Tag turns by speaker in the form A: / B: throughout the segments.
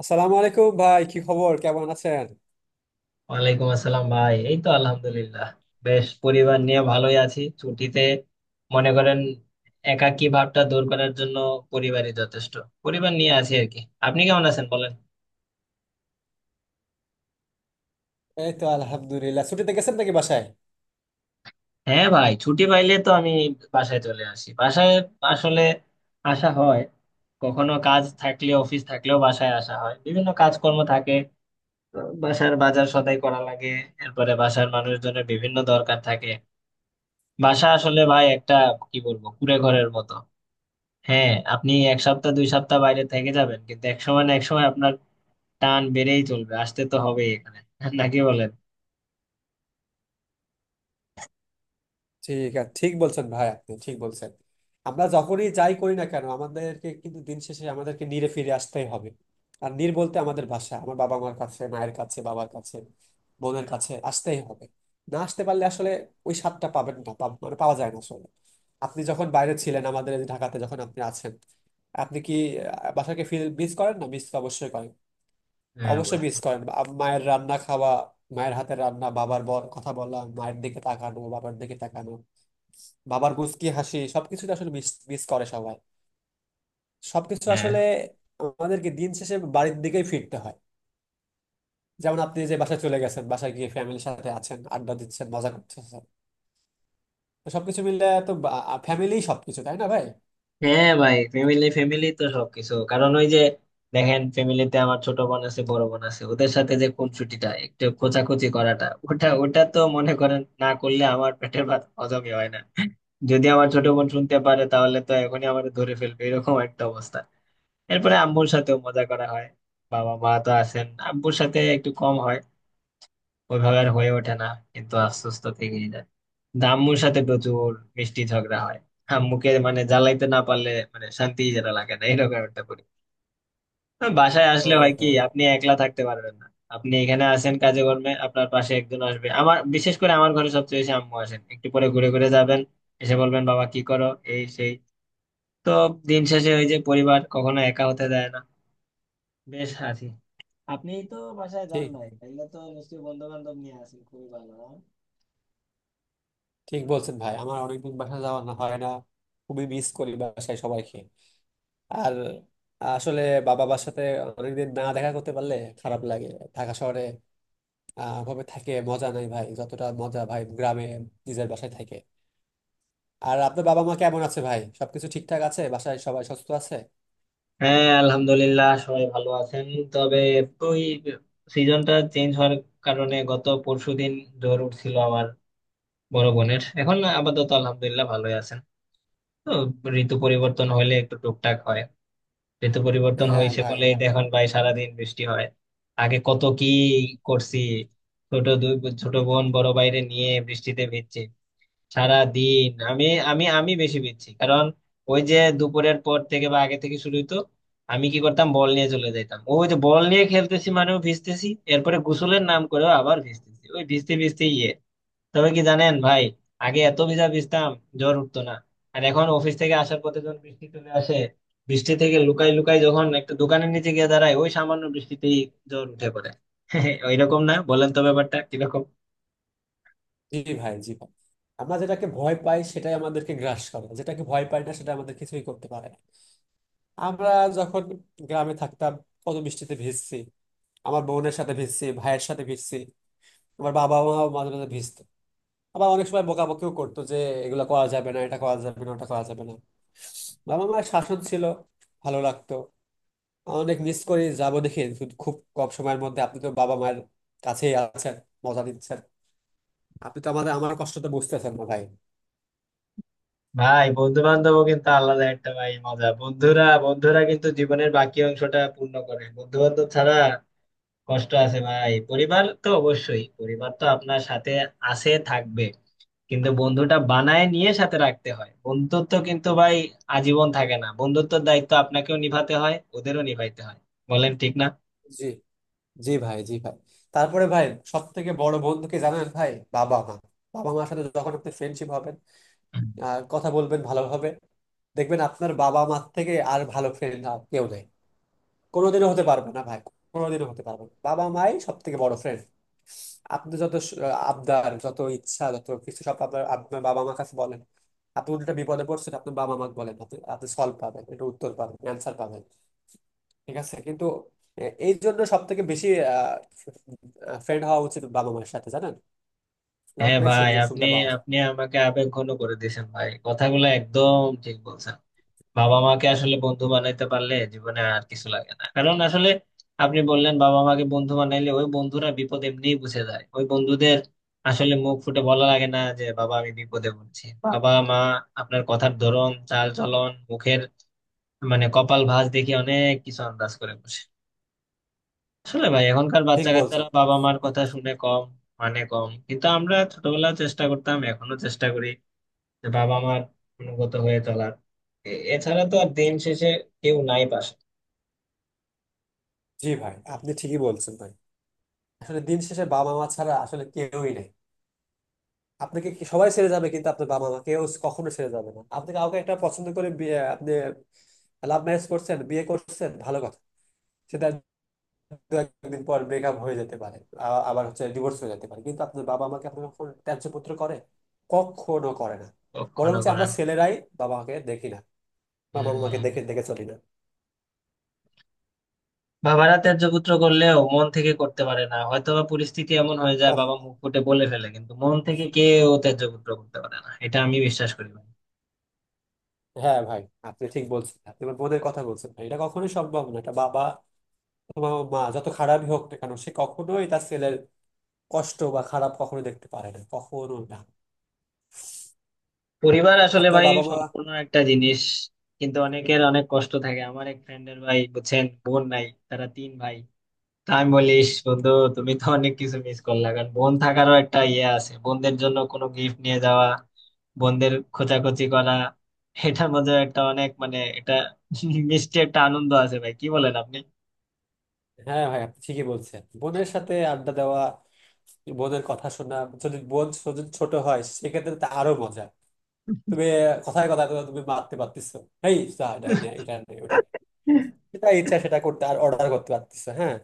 A: আসসালামু আলাইকুম ভাই, কি খবর, কেমন আছেন?
B: ওয়ালাইকুম আসসালাম ভাই, এই তো আলহামদুলিল্লাহ। বেশ, পরিবার নিয়ে ভালোই আছি ছুটিতে। মনে করেন, একাকী ভাবটা দূর করার জন্য পরিবারই যথেষ্ট। পরিবার নিয়ে আছি আর কি। আপনি কেমন আছেন বলেন?
A: এই তো আলহামদুলিল্লাহ। ছুটিতে গেছেন নাকি বাসায়?
B: হ্যাঁ ভাই, ছুটি পাইলে তো আমি বাসায় চলে আসি। বাসায় আসলে আসা হয়, কখনো কাজ থাকলে অফিস থাকলেও বাসায় আসা হয়, বিভিন্ন কাজকর্ম থাকে। তো বাসার বাজার সদাই করা লাগে, এরপরে বাসার মানুষজনের বিভিন্ন দরকার থাকে। বাসা আসলে ভাই একটা, কি বলবো, কুঁড়ে ঘরের মতো। হ্যাঁ, আপনি এক সপ্তাহ দুই সপ্তাহ বাইরে থেকে যাবেন, কিন্তু এক সময় না এক সময় আপনার টান বেড়েই চলবে, আসতে তো হবেই এখানে নাকি বলেন?
A: ঠিক আছে, ঠিক বলছেন ভাই, আপনি ঠিক বলছেন। আমরা যখনই যাই করি না কেন, আমাদেরকে কিন্তু দিন শেষে আমাদেরকে নিরে ফিরে আসতেই হবে। আর নির বলতে আমাদের ভাষা আমার বাবা মার কাছে, মায়ের কাছে, বাবার কাছে, বোনের কাছে আসতেই হবে। না আসতে পারলে আসলে ওই স্বাদটা পাবেন না, মানে পাওয়া যায় না আসলে। আপনি যখন বাইরে ছিলেন, আমাদের এই ঢাকাতে যখন আপনি আছেন, আপনি কি বাসাকে ফিল মিস করেন না? মিস অবশ্যই করেন।
B: হ্যাঁ
A: অবশ্যই মিস
B: অবশ্যই।
A: করেন। মায়ের রান্না খাওয়া, মায়ের হাতের রান্না, বাবার বল কথা বলা, মায়ের দিকে তাকানো, বাবার দিকে তাকানো, বাবার কুঁচকি হাসি, সবকিছুতে আসলে মিস মিস করে সবাই, সবকিছু
B: হ্যাঁ
A: আসলে। আমাদেরকে দিন শেষে বাড়ির দিকেই ফিরতে হয়। যেমন আপনি যে বাসায় চলে গেছেন, বাসায় গিয়ে ফ্যামিলির সাথে আছেন, আড্ডা দিচ্ছেন, মজা করতেছেন, তো সবকিছু মিলে তো ফ্যামিলি সবকিছু, তাই না ভাই?
B: হ্যাঁ ভাই, ফ্যামিলি ফ্যামিলি তো সবকিছু। কারণ ওই যে, দেখেন ফ্যামিলিতে আমার ছোট বোন আছে, বড় বোন আছে, ওদের সাথে যে কোন ছুটিটা একটু খোঁচাখুচি করাটা, ওটা ওটা তো মনে করেন না করলে আমার পেটের ভাত হজমই হয় না। যদি আমার ছোট বোন শুনতে পারে তাহলে তো এখনই আমার ধরে ফেলবে, এরকম একটা অবস্থা। এরপরে আম্মুর সাথেও মজা করা হয়। বাবা মা তো আছেন, আব্বুর সাথে একটু কম হয়, ওইভাবে আর হয়ে ওঠে না, কিন্তু আশ্বস্ত থেকেই যায়। কিন্তু আম্মুর সাথে প্রচুর মিষ্টি ঝগড়া হয়। আম্মুকে মানে জ্বালাইতে না পারলে মানে শান্তি যেটা লাগে না, এরকম একটা করি। বাসায় আসলে
A: হ্যাঁ,
B: হয় কি,
A: হ্যাঁ,
B: আপনি একলা থাকতে পারবেন না। আপনি এখানে আসেন কাজে কর্মে, আপনার পাশে একজন আসবে। আমার, বিশেষ করে আমার ঘরে সবচেয়ে বেশি আম্মু আসেন, একটু পরে ঘুরে ঘুরে যাবেন। এসে বলবেন বাবা কি করো, এই সেই। তো দিন শেষে ওই যে পরিবার কখনো একা হতে দেয় না। বেশ আছি। আপনি তো বাসায় যান
A: ঠিক,
B: নাই, তাইলে তো নিশ্চয়ই বন্ধু বান্ধব নিয়ে আসেন, খুবই ভালো, হ্যাঁ?
A: ঠিক বলছেন ভাই। আমার অনেকদিন বাসায় যাওয়া না হয় না। খুবই মিস করি বাসায় সবাইকে। আর আসলে বাবার সাথে অনেকদিন না দেখা করতে পারলে খারাপ লাগে। ঢাকা শহরে আহ ভাবে থাকে মজা নাই ভাই, যতটা মজা ভাই গ্রামে নিজের বাসায় থাকে। আর আপনার বাবা মা কেমন আছে ভাই? সবকিছু ঠিকঠাক আছে? বাসায় সবাই সুস্থ আছে?
B: হ্যাঁ আলহামদুলিল্লাহ সবাই ভালো আছেন। তবে ওই সিজনটা চেঞ্জ হওয়ার কারণে গত পরশুদিন জ্বর উঠছিল আমার, বড় বোনের। এখন আপাতত আলহামদুলিল্লাহ ভালোই আছেন। তো ঋতু পরিবর্তন হলে একটু টুকটাক হয়। ঋতু পরিবর্তন
A: হ্যাঁ
B: হয়েছে
A: ভাই।
B: বলেই দেখুন ভাই সারাদিন বৃষ্টি হয়। আগে কত কি করছি। ছোট, দুই ছোট বোন বড় বাইরে নিয়ে বৃষ্টিতে ভিজছে সারা দিন। আমি আমি আমি বেশি পিচ্ছি, কারণ ওই যে দুপুরের পর থেকে বা আগে থেকে শুরু হইতো। আমি কি করতাম, বল নিয়ে চলে যেতাম। ওই যে বল নিয়ে খেলতেছি মানেও ভিজতেছি, এরপরে গোসলের নাম করেও আবার ভিজতেছি, ওই ভিজতে ভিজতে ইয়ে। তবে কি জানেন ভাই, আগে এত ভিজা ভিজতাম জ্বর উঠতো না, আর এখন অফিস থেকে আসার পথে যখন বৃষ্টি চলে আসে, বৃষ্টি থেকে লুকাই লুকাই যখন একটা দোকানের নিচে গিয়ে দাঁড়ায়, ওই সামান্য বৃষ্টিতেই জ্বর উঠে পড়ে। ওইরকম না, বলেন তো ব্যাপারটা কিরকম।
A: জি ভাই। আমরা যেটাকে ভয় পাই সেটাই আমাদেরকে গ্রাস করে, যেটাকে ভয় পাই না সেটা আমাদের কিছুই করতে পারে না। আমরা যখন গ্রামে থাকতাম, কত বৃষ্টিতে ভিজছি, আমার বোনের সাথে ভিজছি, ভাইয়ের সাথে ভিজছি। আমার বাবা মাও মাঝে মাঝে ভিজতো। আবার অনেক সময় বকাবকিও করতো যে এগুলো করা যাবে না, এটা করা যাবে না, ওটা করা যাবে না। বাবা মায়ের শাসন ছিল, ভালো লাগতো। অনেক মিস করি, যাবো দেখি শুধু খুব কম সময়ের মধ্যে। আপনি তো বাবা মায়ের কাছেই আছেন, মজা দিচ্ছেন। আপনি তো আমাদের আমার কষ্টটা বুঝতেছেন না ভাই।
B: ভাই বন্ধু বান্ধব কিন্তু আলাদা একটা ভাই মজা, বন্ধুরা বন্ধুরা কিন্তু জীবনের বাকি অংশটা পূর্ণ করে। বন্ধু বান্ধব ছাড়া কষ্ট আছে ভাই। পরিবার তো অবশ্যই, পরিবার তো আপনার সাথে আছে, থাকবে। কিন্তু বন্ধুটা বানায় নিয়ে সাথে রাখতে হয়। বন্ধুত্ব কিন্তু ভাই আজীবন থাকে না, বন্ধুত্বের দায়িত্ব আপনাকেও নিভাতে হয়, ওদেরও নিভাইতে হয়। বলেন, ঠিক না?
A: জি, জি ভাই। তারপরে ভাই, সব থেকে বড় বন্ধুকে জানেন ভাই? বাবা মা। বাবা মার সাথে যখন আপনি ফ্রেন্ডশিপ হবেন আর কথা বলবেন ভালোভাবে, দেখবেন আপনার বাবা মার থেকে আর ভালো ফ্রেন্ড কেউ নেই। কোনোদিনও হতে পারবে না ভাই, কোনোদিনও হতে পারবে না। বাবা মাই সব থেকে বড় ফ্রেন্ড। আপনি যত আবদার, যত ইচ্ছা, যত কিছু সব আপনার আপনার বাবা মার কাছে বলেন। আপনি উল্টা বিপদে পড়ছেন, আপনার বাবা মাকে বলেন, আপনি আপনি সলভ পাবেন, এটা উত্তর পাবেন, অ্যান্সার পাবেন। ঠিক আছে কিন্তু এই জন্য সব থেকে বেশি ফ্রেন্ড হওয়া উচিত বাবা মায়ের সাথে, জানেন? তাহলে
B: হ্যাঁ
A: অনেক
B: ভাই,
A: সুযোগ
B: আপনি
A: সুবিধা পাওয়া যায়।
B: আপনি আমাকে আবেগ ঘন করে দিয়েছেন ভাই, কথাগুলো একদম ঠিক বলছেন। বাবা মাকে আসলে বন্ধু বানাইতে পারলে জীবনে আর কিছু লাগে না। কারণ আসলে আপনি বললেন বাবা মাকে বন্ধু বানাইলে, ওই বন্ধুরা বিপদ এমনিই বুঝে যায়। ওই বন্ধুদের আসলে মুখ ফুটে বলা লাগে না যে বাবা আমি বিপদে পড়ছি। বাবা মা আপনার কথার ধরন, চাল চলন, মুখের মানে কপাল ভাঁজ দেখে অনেক কিছু আন্দাজ করে বসে। আসলে ভাই এখনকার
A: ঠিক
B: বাচ্চা কাচ্চারা
A: বলছেন।
B: বাবা মার কথা শুনে কম, মানে কম, কিন্তু আমরা ছোটবেলায় চেষ্টা করতাম, এখনো চেষ্টা করি যে বাবা মার অনুগত হয়ে চলার। এছাড়া তো আর দিন শেষে কেউ নাই পাশে।
A: জি ভাই, আপনি ঠিকই বলছেন ভাই। আসলে দিন শেষে বাবা মা ছাড়া আসলে কেউই নেই। আপনাকে সবাই ছেড়ে যাবে, কিন্তু আপনার বাবা মা কেউ কখনো ছেড়ে যাবে না। আপনি কাউকে একটা পছন্দ করে বিয়ে, আপনি লাভ ম্যারেজ করছেন, বিয়ে করছেন, ভালো কথা। সেটা দু একদিন পর ব্রেকআপ হয়ে যেতে পারে, আবার হচ্ছে ডিভোর্স হয়ে যেতে পারে, কিন্তু আপনার বাবা মাকে আপনাকে কখনো ত্যায্য পুত্র করে কখনো করে না।
B: কখনো
A: বরঞ্চ আমরা
B: করেন।
A: ছেলেরাই বাবা মাকে দেখি না, বাবা
B: হম,
A: মাকে দেখে দেখে চলি না।
B: বাবারা ত্যায্য পুত্র করলেও মন থেকে করতে পারে না, হয়তোবা পরিস্থিতি এমন হয়ে যায়
A: কখ-
B: বাবা মুখ ফুটে বলে ফেলে, কিন্তু মন থেকে কেউ ত্যায্য পুত্র করতে পারে না, এটা আমি বিশ্বাস করি ভাই।
A: হ্যাঁ ভাই, আপনি ঠিক বলছেন। আপনি আমার বোনের কথা বলছেন ভাই, এটা কখনোই সম্ভব না। এটা বাবা অথবা মা যত খারাপই হোক না কেন, সে কখনোই তার ছেলের কষ্ট বা খারাপ কখনো দেখতে পারে না, কখনো না।
B: পরিবার আসলে
A: আপনার
B: ভাই
A: বাবা মা।
B: সম্পূর্ণ একটা জিনিস, কিন্তু অনেকের অনেক কষ্ট থাকে। আমার এক ফ্রেন্ডের ভাই, বুঝছেন, বোন নাই, তারা তিন ভাই। তা আমি বলিস বন্ধু, তুমি তো অনেক কিছু মিস করলা, কারণ বোন থাকারও একটা ইয়ে আছে। বোনদের জন্য কোনো গিফট নিয়ে যাওয়া, বোনদের খোঁচাখুচি করা, এটার মধ্যে একটা অনেক মানে, এটা মিষ্টি একটা আনন্দ আছে ভাই, কি বলেন আপনি?
A: হ্যাঁ ভাই, আপনি ঠিকই বলছেন। বোনের সাথে আড্ডা দেওয়া, বোনের কথা শোনা, যদি বোন ছোট ছোট হয় সেক্ষেত্রে তো আরো মজা। তুমি কথায় কথায় তো তুমি মারতে পারতেছো, এই যা, এটা নে, এটা নে, ওটা নে। যেটা ইচ্ছা সেটা করতে আর অর্ডার করতে পারতেছো, হ্যাঁ।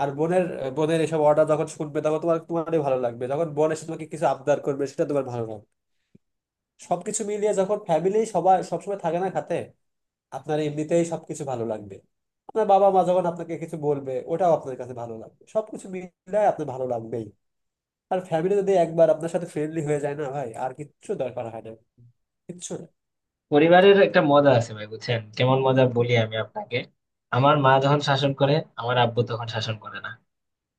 A: আর বোনের বোনের এসব অর্ডার যখন শুনবে তখন তোমারই ভালো লাগবে, যখন বোন এসে তোমাকে কিছু আবদার করবে সেটা তোমার ভালো লাগবে। সবকিছু মিলিয়ে যখন ফ্যামিলি সবাই সবসময় থাকে না খাতে, আপনার এমনিতেই সবকিছু ভালো লাগবে। আপনার বাবা মা যখন আপনাকে কিছু বলবে ওটাও আপনার কাছে ভালো লাগবে। সবকিছু মিলে আপনার ভালো লাগবেই। আর ফ্যামিলি যদি একবার আপনার সাথে ফ্রেন্ডলি হয়ে যায় না ভাই, আর কিচ্ছু দরকার হয় না, কিচ্ছু না।
B: পরিবারের একটা মজা আছে ভাই, বুঝছেন কেমন মজা, বলি আমি আপনাকে। আমার মা যখন শাসন করে, আমার আব্বু তখন শাসন করে না,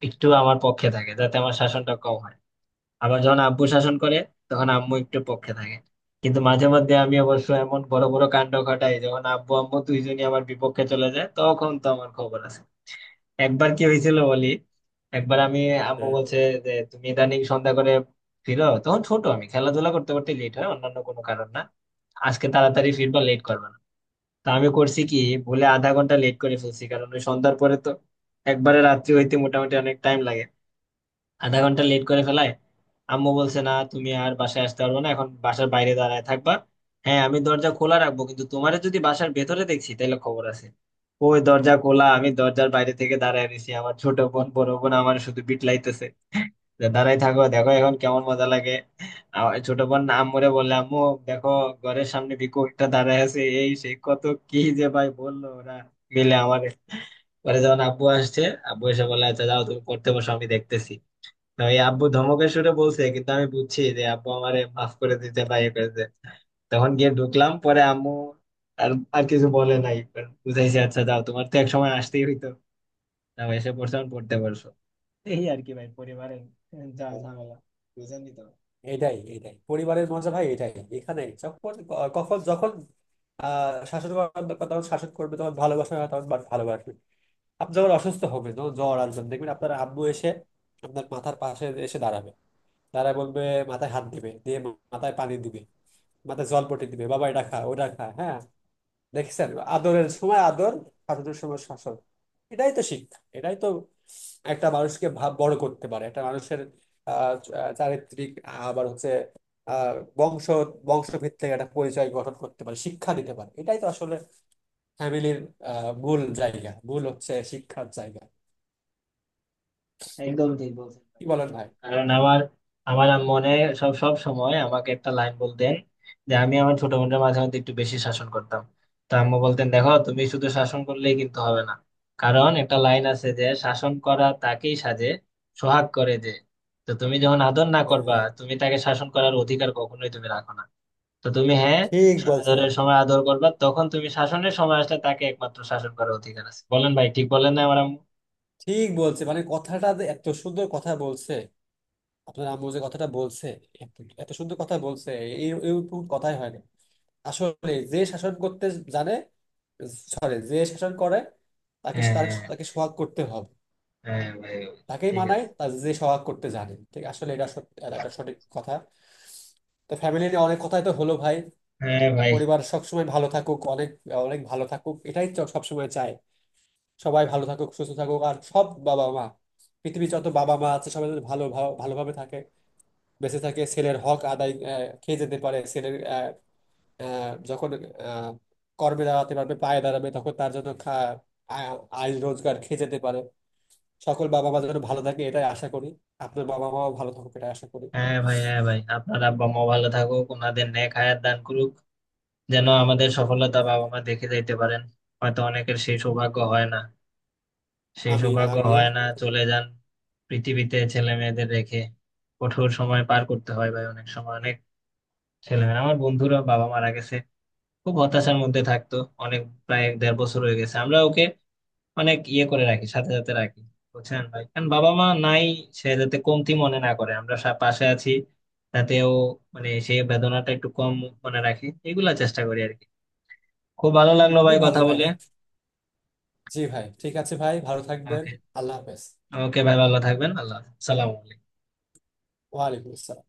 B: একটু আমার পক্ষে থাকে, যাতে আমার শাসনটা কম হয়। আবার যখন আব্বু শাসন করে, তখন আম্মু একটু পক্ষে থাকে। কিন্তু মাঝে মধ্যে আমি অবশ্য এমন বড় বড় কাণ্ড ঘটাই, যখন আব্বু আম্মু দুইজনই আমার বিপক্ষে চলে যায়, তখন তো আমার খবর আছে। একবার কি হয়েছিল বলি। একবার আমি, আম্মু
A: হ্যাঁ,
B: বলছে যে তুমি ইদানিং সন্ধ্যা করে ফিরো, তখন ছোট আমি, খেলাধুলা করতে করতে লেট হয়, অন্যান্য কোনো কারণ না। আজকে তাড়াতাড়ি ফিরবা, লেট করবে না। তা আমি করছি কি, ভুলে আধা ঘন্টা লেট করে ফেলছি, কারণ ওই সন্ধ্যার পরে তো একবারে রাত্রি হইতে মোটামুটি অনেক টাইম লাগে। আধা ঘন্টা লেট করে ফেলায় আম্মু বলছে, না তুমি আর বাসায় আসতে পারবে না, এখন বাসার বাইরে দাঁড়ায় থাকবা। হ্যাঁ আমি দরজা খোলা রাখবো, কিন্তু তোমারে যদি বাসার ভেতরে দেখছি তাহলে খবর আছে। ওই দরজা খোলা, আমি দরজার বাইরে থেকে দাঁড়ায় রয়েছি। আমার ছোট বোন বড় বোন আমার শুধু বিটলাইতেছে, যে দাঁড়াই থাকো দেখো এখন কেমন মজা লাগে। আমার ছোট বোন আম্মুরে বললে, আম্মু দেখো ঘরের সামনে ভিকু একটা দাঁড়ায় আছে, এই সে কত কি যে ভাই বললো ওরা মিলে আমারে। পরে যখন আব্বু আসছে, আব্বু এসে বলে আচ্ছা যাও তুমি পড়তে বসো, আমি দেখতেছি। না, ওই আব্বু ধমকের সুরে বলছে, কিন্তু আমি বুঝছি যে আব্বু আমারে মাফ করে দিতে বা ইয়ে করে দিতে। তখন গিয়ে ঢুকলাম। পরে আম্মু আর আর কিছু বলে নাই, বুঝাইছে আচ্ছা যাও, তোমার তো এক সময় আসতেই হইতো, না এসে পড়ছো এখন পড়তে পারছো। এই আর কি ভাই, পরিবারের যা ঝামেলা, বুঝেনি তো।
A: এটাই এটাই পরিবারের মজা ভাই, এটাই। এখানে যখন যখন শাসন করবে তখন শাসন করবে, তখন ভালোবাসা হয়, ভালোবাসবে। আপনি যখন অসুস্থ হবে, তখন জ্বর আসবেন, দেখবেন আপনার আব্বু এসে আপনার মাথার পাশে এসে দাঁড়াবে, দাঁড়ায় বলবে, মাথায় হাত দিবে, দিয়ে মাথায় পানি দিবে, মাথায় জলপট্টি দিবে, বাবা এটা খা, ওটা খা, হ্যাঁ। দেখেছেন, আদরের সময় আদর, শাসনের সময় শাসন। এটাই তো শিক্ষা, এটাই তো একটা মানুষকে ভাব বড় করতে পারে, একটা মানুষের আহ আহ, চারিত্রিক, আবার হচ্ছে বংশ, বংশভিত্তিক একটা পরিচয় গঠন করতে পারে, শিক্ষা দিতে পারে। এটাই তো আসলে ফ্যামিলির মূল জায়গা, মূল হচ্ছে শিক্ষার জায়গা।
B: একদম ঠিক বলছেন ভাই,
A: কি বলেন
B: একদম।
A: ভাই?
B: কারণ আমার আমার আম্মু অনেক, সব সব সময় আমাকে একটা লাইন বলতেন, যে আমি আমার ছোট বোনদের মাঝে মধ্যে একটু বেশি শাসন করতাম। তো আম্মু বলতেন, দেখো তুমি শুধু শাসন করলেই কিন্তু হবে না, কারণ একটা লাইন আছে, যে শাসন করা তাকেই সাজে সোহাগ করে যে। তো তুমি যখন আদর না করবা,
A: হ্যাঁ,
B: তুমি তাকে শাসন করার অধিকার কখনোই তুমি রাখো না। তো তুমি, হ্যাঁ,
A: ঠিক বলছেন।
B: আদরের সময় আদর করবা, তখন তুমি শাসনের সময় আসলে তাকে একমাত্র শাসন করার অধিকার আছে। বলেন ভাই, ঠিক বলেন না আমার আম্মু?
A: ঠিক বলছে মানে, কথাটা যে এত সুন্দর কথা বলছে, আপনার আম্মু যে কথাটা বলছে, এত এত সুন্দর কথা বলছে, এই এরকম কথাই হয় না। আসলে যে শাসন করতে জানে, সরি যে শাসন করে, তাকে
B: হ্যাঁ,
A: তার
B: হ্যাঁ,
A: তাকে সোহাগ করতে হবে।
B: হ্যাঁ ভাই।
A: তাকেই
B: ঠিক
A: মানায়
B: আছে।
A: তার যে সোহাগ করতে জানে। ঠিক আসলে এটা এটা একটা সঠিক কথা। তো ফ্যামিলি নিয়ে অনেক কথাই তো হলো ভাই।
B: হ্যাঁ ভাই,
A: পরিবার সবসময় ভালো থাকুক, অনেক অনেক ভালো থাকুক, সবসময় চায়। সবাই ভালো থাকুক, সুস্থ থাকুক। আর সব বাবা মা, পৃথিবীর যত বাবা মা আছে, সবাই যেন ভালো ভালো- ভালোভাবে থাকে, বেঁচে থাকে, ছেলের হক আদায় খেয়ে যেতে পারে, ছেলের আহ, যখন আহ, কর্মে দাঁড়াতে পারবে, পায়ে দাঁড়াবে তখন তার জন্য আয় রোজগার খেয়ে যেতে পারে। সকল বাবা মা যেন ভালো থাকে এটাই আশা করি। আপনার বাবা মাও ভালো থাকুক, এটাই আশা করি।
B: হ্যাঁ ভাই, হ্যাঁ ভাই, আপনার আব্বা মা ভালো থাকুক, ওনাদের নেক হায়াত দান করুক, যেন আমাদের সফলতা বাবা মা দেখে যাইতে পারেন। হয়তো অনেকের সেই সৌভাগ্য হয় না, সেই
A: আমিন,
B: সৌভাগ্য
A: আমিন।
B: হয় না, চলে যান পৃথিবীতে ছেলে মেয়েদের রেখে। কঠোর সময় পার করতে হয় ভাই অনেক সময়। অনেক ছেলে মেয়ে, আমার বন্ধুরা বাবা মারা গেছে, খুব হতাশার মধ্যে থাকতো। অনেক, প্রায় এক দেড় বছর হয়ে গেছে, আমরা ওকে অনেক ইয়ে করে রাখি, সাথে সাথে রাখি, বুঝছেন ভাই। কারণ বাবা মা নাই, সে যাতে কমতি মনে না করে, আমরা পাশে আছি, তাতেও মানে সেই বেদনাটা একটু কম মনে রাখি, এগুলা চেষ্টা করি আর কি। খুব ভালো
A: হম,
B: লাগলো
A: খুবই
B: ভাই
A: ভালো
B: কথা
A: ভাই
B: বলে।
A: এটা। জি ভাই, ঠিক আছে ভাই, ভালো থাকবেন।
B: ওকে।
A: আল্লাহ হাফেজ।
B: ওকে ভাই ভালো থাকবেন, আল্লাহ হাফেজ। সালাম।
A: ওয়ালাইকুম আসসালাম।